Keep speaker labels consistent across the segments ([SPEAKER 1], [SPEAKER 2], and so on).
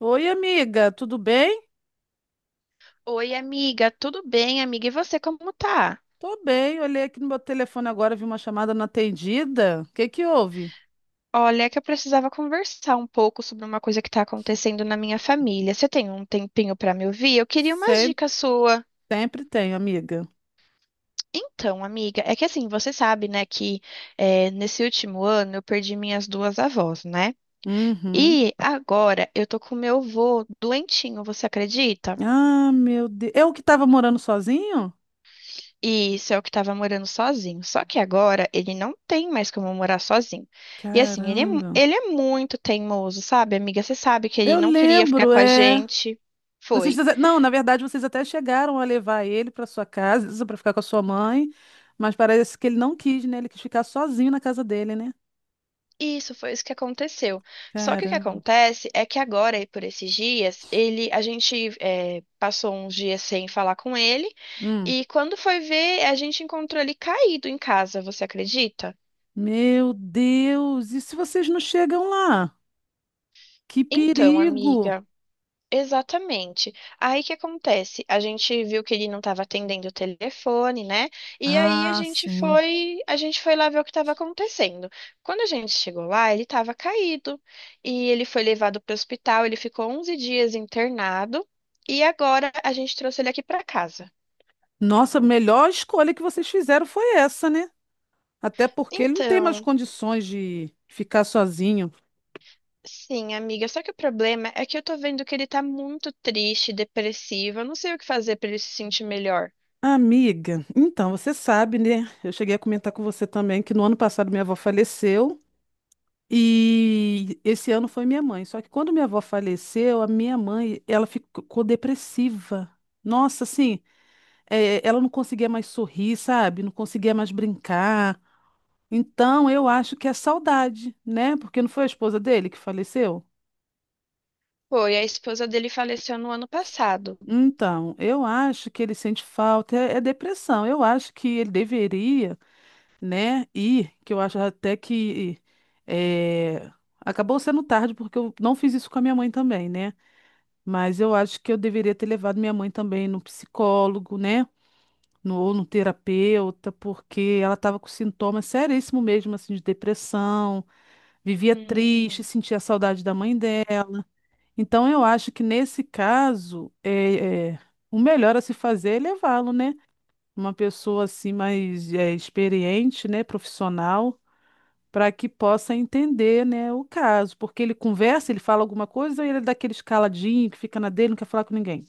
[SPEAKER 1] Oi, amiga, tudo bem?
[SPEAKER 2] Oi, amiga, tudo bem, amiga? E você, como tá?
[SPEAKER 1] Tô bem, olhei aqui no meu telefone agora, vi uma chamada não atendida. O que que houve?
[SPEAKER 2] Olha, é que eu precisava conversar um pouco sobre uma coisa que tá acontecendo na minha família. Você tem um tempinho pra me ouvir? Eu queria umas
[SPEAKER 1] Sempre,
[SPEAKER 2] dicas sua.
[SPEAKER 1] sempre tenho, amiga.
[SPEAKER 2] Então, amiga, é que assim, você sabe, né, que nesse último ano eu perdi minhas duas avós, né?
[SPEAKER 1] Uhum.
[SPEAKER 2] E agora eu tô com meu avô doentinho, você acredita?
[SPEAKER 1] Ah, meu Deus. Eu que tava morando sozinho?
[SPEAKER 2] E isso é o que estava morando sozinho. Só que agora ele não tem mais como morar sozinho. E assim, ele é,
[SPEAKER 1] Caramba.
[SPEAKER 2] ele é muito teimoso, sabe, amiga? Você sabe que ele
[SPEAKER 1] Eu
[SPEAKER 2] não queria ficar
[SPEAKER 1] lembro,
[SPEAKER 2] com a
[SPEAKER 1] é.
[SPEAKER 2] gente. Foi.
[SPEAKER 1] Não, na verdade, vocês até chegaram a levar ele pra sua casa, pra ficar com a sua mãe, mas parece que ele não quis, né? Ele quis ficar sozinho na casa dele, né?
[SPEAKER 2] Isso foi isso que aconteceu. Só que o que
[SPEAKER 1] Caramba.
[SPEAKER 2] acontece é que agora, e por esses dias, ele, a gente passou uns dias sem falar com ele.
[SPEAKER 1] Hum.
[SPEAKER 2] E quando foi ver, a gente encontrou ele caído em casa, você acredita?
[SPEAKER 1] Meu Deus, e se vocês não chegam lá? Que
[SPEAKER 2] Então,
[SPEAKER 1] perigo!
[SPEAKER 2] amiga. Exatamente. Aí o que acontece? A gente viu que ele não estava atendendo o telefone, né? E aí
[SPEAKER 1] Ah, sim.
[SPEAKER 2] a gente foi lá ver o que estava acontecendo. Quando a gente chegou lá, ele estava caído e ele foi levado para o hospital. Ele ficou 11 dias internado e agora a gente trouxe ele aqui para casa.
[SPEAKER 1] Nossa, a melhor escolha que vocês fizeram foi essa, né? Até porque ele não tem mais
[SPEAKER 2] Então,
[SPEAKER 1] condições de ficar sozinho.
[SPEAKER 2] sim, amiga. Só que o problema é que eu tô vendo que ele tá muito triste, depressivo. Eu não sei o que fazer para ele se sentir melhor.
[SPEAKER 1] Amiga, então você sabe, né? Eu cheguei a comentar com você também que no ano passado minha avó faleceu e esse ano foi minha mãe. Só que quando minha avó faleceu, a minha mãe, ela ficou depressiva. Nossa, assim, ela não conseguia mais sorrir, sabe? Não conseguia mais brincar. Então, eu acho que é saudade, né? Porque não foi a esposa dele que faleceu?
[SPEAKER 2] Foi, a esposa dele faleceu no ano passado.
[SPEAKER 1] Então, eu acho que ele sente falta, é depressão. Eu acho que ele deveria, né, ir, que eu acho até que eh, acabou sendo tarde, porque eu não fiz isso com a minha mãe também, né? Mas eu acho que eu deveria ter levado minha mãe também no psicólogo, né? No, ou no terapeuta, porque ela estava com sintomas seríssimos mesmo, assim, de depressão, vivia triste,
[SPEAKER 2] Hum.
[SPEAKER 1] sentia saudade da mãe dela. Então, eu acho que nesse caso, o melhor a se fazer é levá-lo, né? Uma pessoa assim mais experiente, né? Profissional, para que possa entender, né, o caso. Porque ele conversa, ele fala alguma coisa, ou ele é daquele escaladinho que fica na dele, não quer falar com ninguém.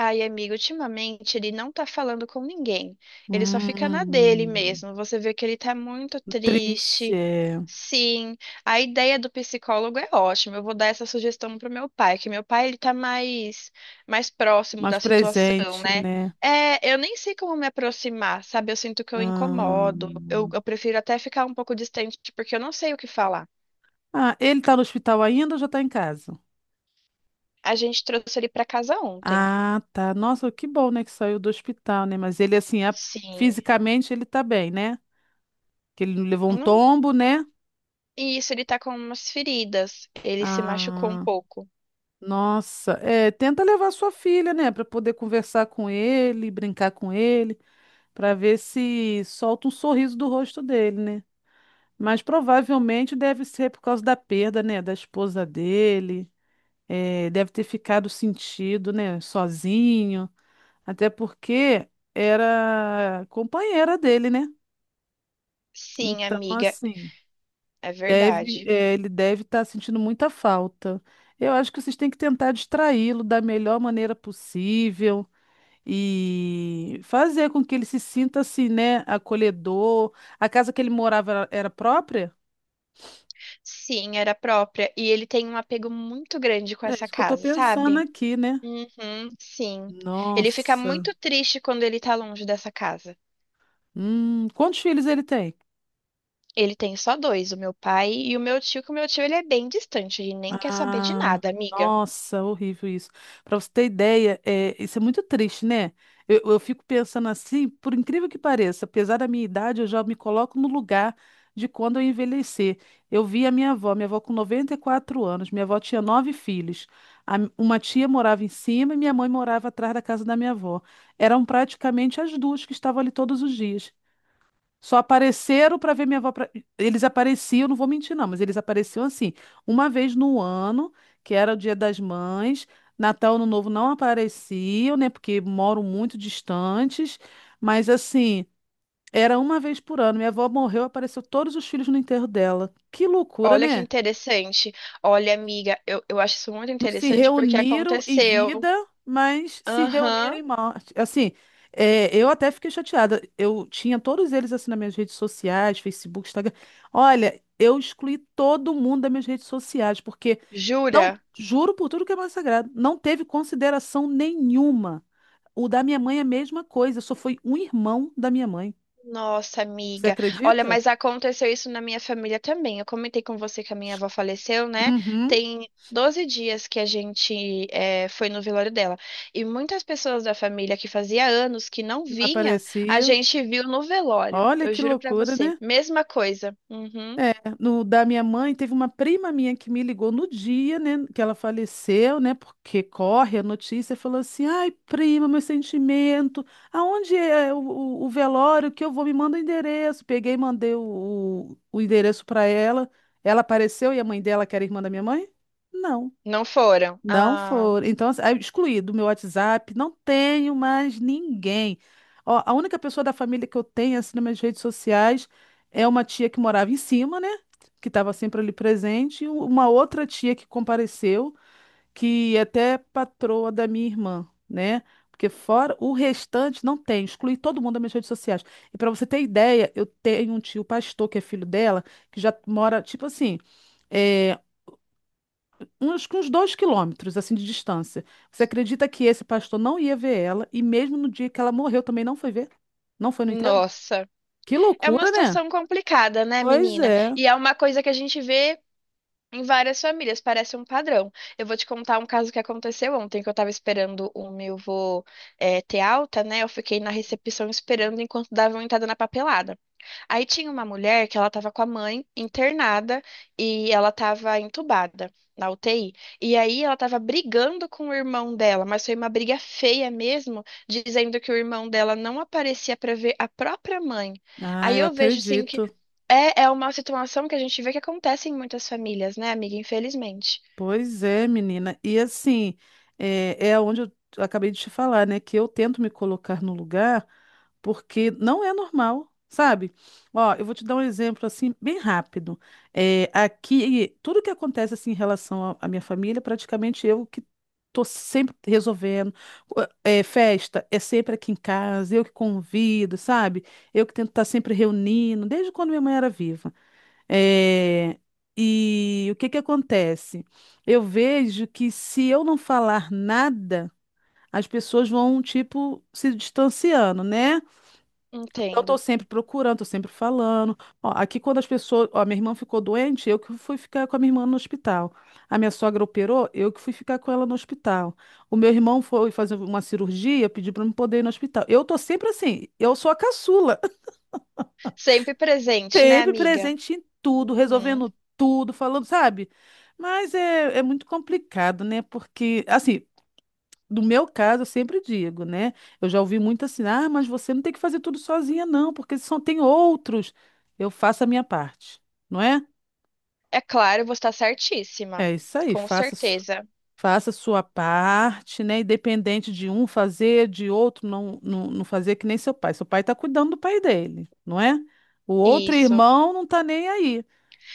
[SPEAKER 2] Ai, amigo, ultimamente ele não tá falando com ninguém. Ele só fica na dele
[SPEAKER 1] Hum,
[SPEAKER 2] mesmo. Você vê que ele tá muito
[SPEAKER 1] triste,
[SPEAKER 2] triste.
[SPEAKER 1] é.
[SPEAKER 2] Sim, a ideia do psicólogo é ótima. Eu vou dar essa sugestão pro meu pai, que meu pai ele tá mais próximo
[SPEAKER 1] Mais
[SPEAKER 2] da situação,
[SPEAKER 1] presente,
[SPEAKER 2] né?
[SPEAKER 1] né?
[SPEAKER 2] É, eu nem sei como me aproximar, sabe? Eu sinto que eu incomodo. Eu,
[SPEAKER 1] Hum.
[SPEAKER 2] eu prefiro até ficar um pouco distante porque eu não sei o que falar.
[SPEAKER 1] Ah, ele está no hospital ainda ou já está em casa?
[SPEAKER 2] A gente trouxe ele pra casa ontem.
[SPEAKER 1] Ah, tá. Nossa, que bom, né, que saiu do hospital, né? Mas ele, assim,
[SPEAKER 2] Sim.
[SPEAKER 1] fisicamente ele tá bem, né? Que ele não levou um tombo, né?
[SPEAKER 2] E isso, ele tá com umas feridas. Ele se machucou um
[SPEAKER 1] Ah,
[SPEAKER 2] pouco.
[SPEAKER 1] nossa. É, tenta levar sua filha, né, pra poder conversar com ele, brincar com ele, pra ver se solta um sorriso do rosto dele, né? Mas provavelmente deve ser por causa da perda, né, da esposa dele. É, deve ter ficado sentido, né, sozinho. Até porque era companheira dele, né?
[SPEAKER 2] Sim,
[SPEAKER 1] Então,
[SPEAKER 2] amiga,
[SPEAKER 1] assim,
[SPEAKER 2] é verdade.
[SPEAKER 1] ele deve estar sentindo muita falta. Eu acho que vocês têm que tentar distraí-lo da melhor maneira possível e fazer com que ele se sinta assim, né, acolhedor. A casa que ele morava era própria?
[SPEAKER 2] Sim, era própria. E ele tem um apego muito grande com
[SPEAKER 1] É
[SPEAKER 2] essa
[SPEAKER 1] isso que eu tô
[SPEAKER 2] casa,
[SPEAKER 1] pensando
[SPEAKER 2] sabe?
[SPEAKER 1] aqui, né?
[SPEAKER 2] Uhum, sim. Ele fica
[SPEAKER 1] Nossa.
[SPEAKER 2] muito triste quando ele tá longe dessa casa.
[SPEAKER 1] Quantos filhos ele tem?
[SPEAKER 2] Ele tem só dois, o meu pai e o meu tio, que o meu tio ele é bem distante, ele nem quer saber de
[SPEAKER 1] Ah,
[SPEAKER 2] nada, amiga.
[SPEAKER 1] nossa, horrível isso. Para você ter ideia, isso é muito triste, né? Eu fico pensando assim, por incrível que pareça, apesar da minha idade, eu já me coloco no lugar de quando eu envelhecer. Eu vi a minha avó com 94 anos, minha avó tinha nove filhos. Uma tia morava em cima e minha mãe morava atrás da casa da minha avó. Eram praticamente as duas que estavam ali todos os dias. Só apareceram para ver minha avó. Eles apareciam, não vou mentir, não, mas eles apareciam assim, uma vez no ano, que era o Dia das Mães. Natal, Ano Novo não apareciam, né? Porque moram muito distantes. Mas assim, era uma vez por ano. Minha avó morreu, apareceu todos os filhos no enterro dela. Que loucura,
[SPEAKER 2] Olha que
[SPEAKER 1] né?
[SPEAKER 2] interessante. Olha, amiga, eu acho isso muito
[SPEAKER 1] Não se
[SPEAKER 2] interessante porque
[SPEAKER 1] reuniram em
[SPEAKER 2] aconteceu.
[SPEAKER 1] vida, mas se
[SPEAKER 2] Aham,
[SPEAKER 1] reuniram em morte. Assim, eu até fiquei chateada. Eu tinha todos eles assim nas minhas redes sociais, Facebook, Instagram. Olha, eu excluí todo mundo das minhas redes sociais, porque não,
[SPEAKER 2] jura?
[SPEAKER 1] juro por tudo que é mais sagrado, não teve consideração nenhuma. O da minha mãe é a mesma coisa, só foi um irmão da minha mãe.
[SPEAKER 2] Nossa,
[SPEAKER 1] Você
[SPEAKER 2] amiga. Olha,
[SPEAKER 1] acredita?
[SPEAKER 2] mas aconteceu isso na minha família também. Eu comentei com você que a minha avó faleceu, né?
[SPEAKER 1] Uhum,
[SPEAKER 2] Tem 12 dias que a gente foi no velório dela. E muitas pessoas da família que fazia anos que não
[SPEAKER 1] que não
[SPEAKER 2] vinha, a
[SPEAKER 1] aparecia.
[SPEAKER 2] gente viu no velório.
[SPEAKER 1] Olha
[SPEAKER 2] Eu
[SPEAKER 1] que
[SPEAKER 2] juro pra
[SPEAKER 1] loucura,
[SPEAKER 2] você.
[SPEAKER 1] né?
[SPEAKER 2] Mesma coisa. Uhum.
[SPEAKER 1] É, no da minha mãe, teve uma prima minha que me ligou no dia, né, que ela faleceu, né, porque corre a notícia, falou assim, ai, prima, meu sentimento, aonde é o velório que eu vou, me manda o endereço. Peguei e mandei o endereço para ela, ela apareceu e a mãe dela, que era irmã da minha mãe? Não.
[SPEAKER 2] Não foram.
[SPEAKER 1] Não
[SPEAKER 2] Ah,
[SPEAKER 1] foram. Então, assim, aí eu excluí do meu WhatsApp, não tenho mais ninguém. Ó, a única pessoa da família que eu tenho, assim, nas minhas redes sociais é uma tia que morava em cima, né? Que estava sempre ali presente, e uma outra tia que compareceu, que é até patroa da minha irmã, né? Porque fora o restante não tem, excluí todo mundo das minhas redes sociais. E para você ter ideia, eu tenho um tio pastor que é filho dela, que já mora, tipo assim. eh, uns 2 quilômetros assim de distância. Você acredita que esse pastor não ia ver ela e mesmo no dia que ela morreu também não foi ver? Não foi no enterro?
[SPEAKER 2] nossa.
[SPEAKER 1] Que
[SPEAKER 2] É uma
[SPEAKER 1] loucura, né?
[SPEAKER 2] situação complicada, né,
[SPEAKER 1] Pois
[SPEAKER 2] menina?
[SPEAKER 1] é.
[SPEAKER 2] E é uma coisa que a gente vê. Em várias famílias, parece um padrão. Eu vou te contar um caso que aconteceu ontem, que eu tava esperando o meu vô ter alta, né? Eu fiquei na recepção esperando enquanto davam entrada na papelada. Aí tinha uma mulher que ela estava com a mãe internada e ela estava entubada na UTI. E aí ela estava brigando com o irmão dela, mas foi uma briga feia mesmo, dizendo que o irmão dela não aparecia para ver a própria mãe.
[SPEAKER 1] Ah,
[SPEAKER 2] Aí
[SPEAKER 1] eu
[SPEAKER 2] eu vejo assim que
[SPEAKER 1] acredito.
[SPEAKER 2] é uma situação que a gente vê que acontece em muitas famílias, né, amiga? Infelizmente.
[SPEAKER 1] Pois é, menina. E assim, é onde eu acabei de te falar, né? Que eu tento me colocar no lugar porque não é normal, sabe? Ó, eu vou te dar um exemplo assim, bem rápido. É, aqui, tudo que acontece assim em relação à minha família, praticamente eu que tô sempre resolvendo. Ó, é, festa é sempre aqui em casa, eu que convido, sabe? Eu que tento estar sempre reunindo, desde quando minha mãe era viva. É, e o que que acontece? Eu vejo que se eu não falar nada, as pessoas vão, tipo, se distanciando, né? Então, eu
[SPEAKER 2] Entendo.
[SPEAKER 1] tô sempre procurando, tô sempre falando. Ó, aqui, quando as pessoas. Ó, minha irmã ficou doente, eu que fui ficar com a minha irmã no hospital. A minha sogra operou, eu que fui ficar com ela no hospital. O meu irmão foi fazer uma cirurgia, pediu pra eu não poder ir no hospital. Eu tô sempre assim, eu sou a caçula.
[SPEAKER 2] Sempre presente, né,
[SPEAKER 1] Sempre
[SPEAKER 2] amiga?
[SPEAKER 1] presente em tudo,
[SPEAKER 2] Uhum.
[SPEAKER 1] resolvendo tudo, falando, sabe? Mas é muito complicado, né? Porque, assim, no meu caso, eu sempre digo, né? Eu já ouvi muito assim, ah, mas você não tem que fazer tudo sozinha, não, porque só tem outros. Eu faço a minha parte, não é?
[SPEAKER 2] É claro, você está certíssima.
[SPEAKER 1] É isso aí,
[SPEAKER 2] Com certeza.
[SPEAKER 1] faça sua parte, né? Independente de um fazer, de outro não, não, não fazer que nem seu pai. Seu pai está cuidando do pai dele, não é? O outro
[SPEAKER 2] Isso.
[SPEAKER 1] irmão não está nem aí.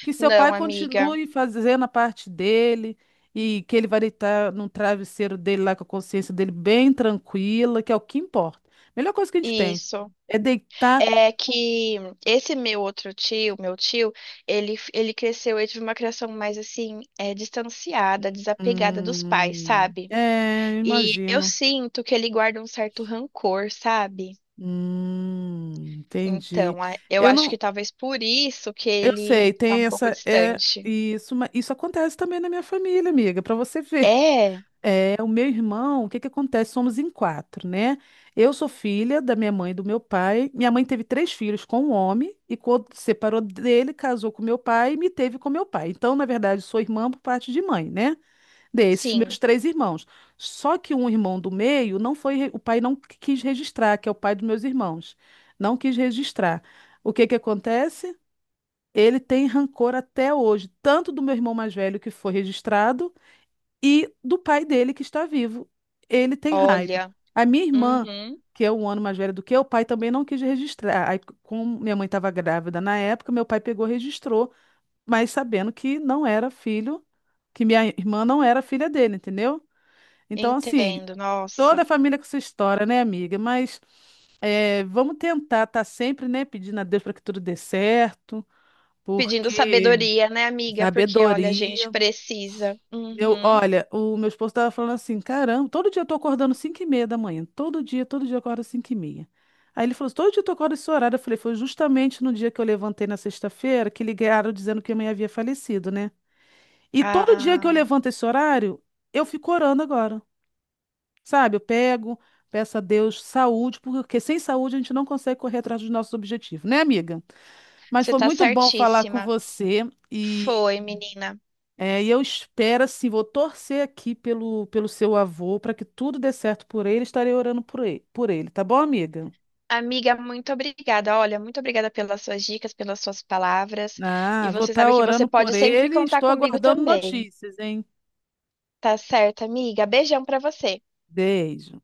[SPEAKER 1] Que seu pai
[SPEAKER 2] Não, amiga.
[SPEAKER 1] continue fazendo a parte dele e que ele vai deitar no travesseiro dele lá com a consciência dele bem tranquila, que é o que importa. Melhor coisa que a gente tem
[SPEAKER 2] Isso.
[SPEAKER 1] é deitar.
[SPEAKER 2] É que esse meu outro tio, meu tio, ele cresceu, ele teve uma criação mais assim, é, distanciada, desapegada dos pais, sabe?
[SPEAKER 1] É,
[SPEAKER 2] E eu
[SPEAKER 1] imagino.
[SPEAKER 2] sinto que ele guarda um certo rancor, sabe?
[SPEAKER 1] Entendi.
[SPEAKER 2] Então, eu
[SPEAKER 1] Eu
[SPEAKER 2] acho que
[SPEAKER 1] não,
[SPEAKER 2] talvez por isso que
[SPEAKER 1] eu
[SPEAKER 2] ele
[SPEAKER 1] sei,
[SPEAKER 2] tá um
[SPEAKER 1] tem
[SPEAKER 2] pouco
[SPEAKER 1] essa é
[SPEAKER 2] distante.
[SPEAKER 1] isso, mas isso acontece também na minha família, amiga, para você ver.
[SPEAKER 2] É,
[SPEAKER 1] É, o meu irmão, o que que acontece? Somos em quatro, né? Eu sou filha da minha mãe e do meu pai. Minha mãe teve três filhos com um homem e quando separou dele, casou com meu pai e me teve com meu pai. Então, na verdade, sou irmã por parte de mãe, né? Desses
[SPEAKER 2] sim.
[SPEAKER 1] meus três irmãos. Só que um irmão do meio não foi, re- o pai não qu- quis registrar, que é o pai dos meus irmãos. Não quis registrar. O que que acontece? Ele tem rancor até hoje, tanto do meu irmão mais velho que foi registrado e do pai dele que está vivo. Ele tem raiva.
[SPEAKER 2] Olha.
[SPEAKER 1] A minha irmã,
[SPEAKER 2] Uhum,
[SPEAKER 1] que é 1 ano mais velha do que eu, o pai também não quis registrar. Aí, como minha mãe estava grávida na época, meu pai pegou e registrou, mas sabendo que não era filho, que minha irmã não era filha dele, entendeu? Então, assim,
[SPEAKER 2] entendo.
[SPEAKER 1] toda
[SPEAKER 2] Nossa.
[SPEAKER 1] a família com sua história, né, amiga? Mas vamos tentar estar sempre, né, pedindo a Deus para que tudo dê certo,
[SPEAKER 2] Pedindo
[SPEAKER 1] porque
[SPEAKER 2] sabedoria, né, amiga? Porque, olha, a gente
[SPEAKER 1] sabedoria
[SPEAKER 2] precisa.
[SPEAKER 1] eu,
[SPEAKER 2] Uhum.
[SPEAKER 1] olha, o meu esposo estava falando assim, caramba, todo dia eu tô acordando 5:30 da manhã, todo dia eu acordo 5 e meia. Aí ele falou assim, todo dia tu acorda esse horário. Eu falei, foi justamente no dia que eu levantei na sexta-feira que ligaram dizendo que a mãe havia falecido, né? E todo dia que eu
[SPEAKER 2] Ah.
[SPEAKER 1] levanto esse horário, eu fico orando agora, sabe? Eu pego, peço a Deus saúde, porque sem saúde a gente não consegue correr atrás dos nossos objetivos, né, amiga? Mas
[SPEAKER 2] Você
[SPEAKER 1] foi
[SPEAKER 2] tá
[SPEAKER 1] muito bom falar com
[SPEAKER 2] certíssima.
[SPEAKER 1] você e
[SPEAKER 2] Foi, menina.
[SPEAKER 1] é, e eu espero, assim, vou torcer aqui pelo seu avô para que tudo dê certo por ele. Estarei orando por ele, tá bom, amiga?
[SPEAKER 2] Amiga, muito obrigada. Olha, muito obrigada pelas suas dicas, pelas suas palavras. E
[SPEAKER 1] Ah, vou
[SPEAKER 2] você
[SPEAKER 1] estar
[SPEAKER 2] sabe que você
[SPEAKER 1] orando
[SPEAKER 2] pode
[SPEAKER 1] por
[SPEAKER 2] sempre
[SPEAKER 1] ele.
[SPEAKER 2] contar
[SPEAKER 1] Estou
[SPEAKER 2] comigo
[SPEAKER 1] aguardando
[SPEAKER 2] também.
[SPEAKER 1] notícias, hein?
[SPEAKER 2] Tá certo, amiga? Beijão pra você.
[SPEAKER 1] Beijo.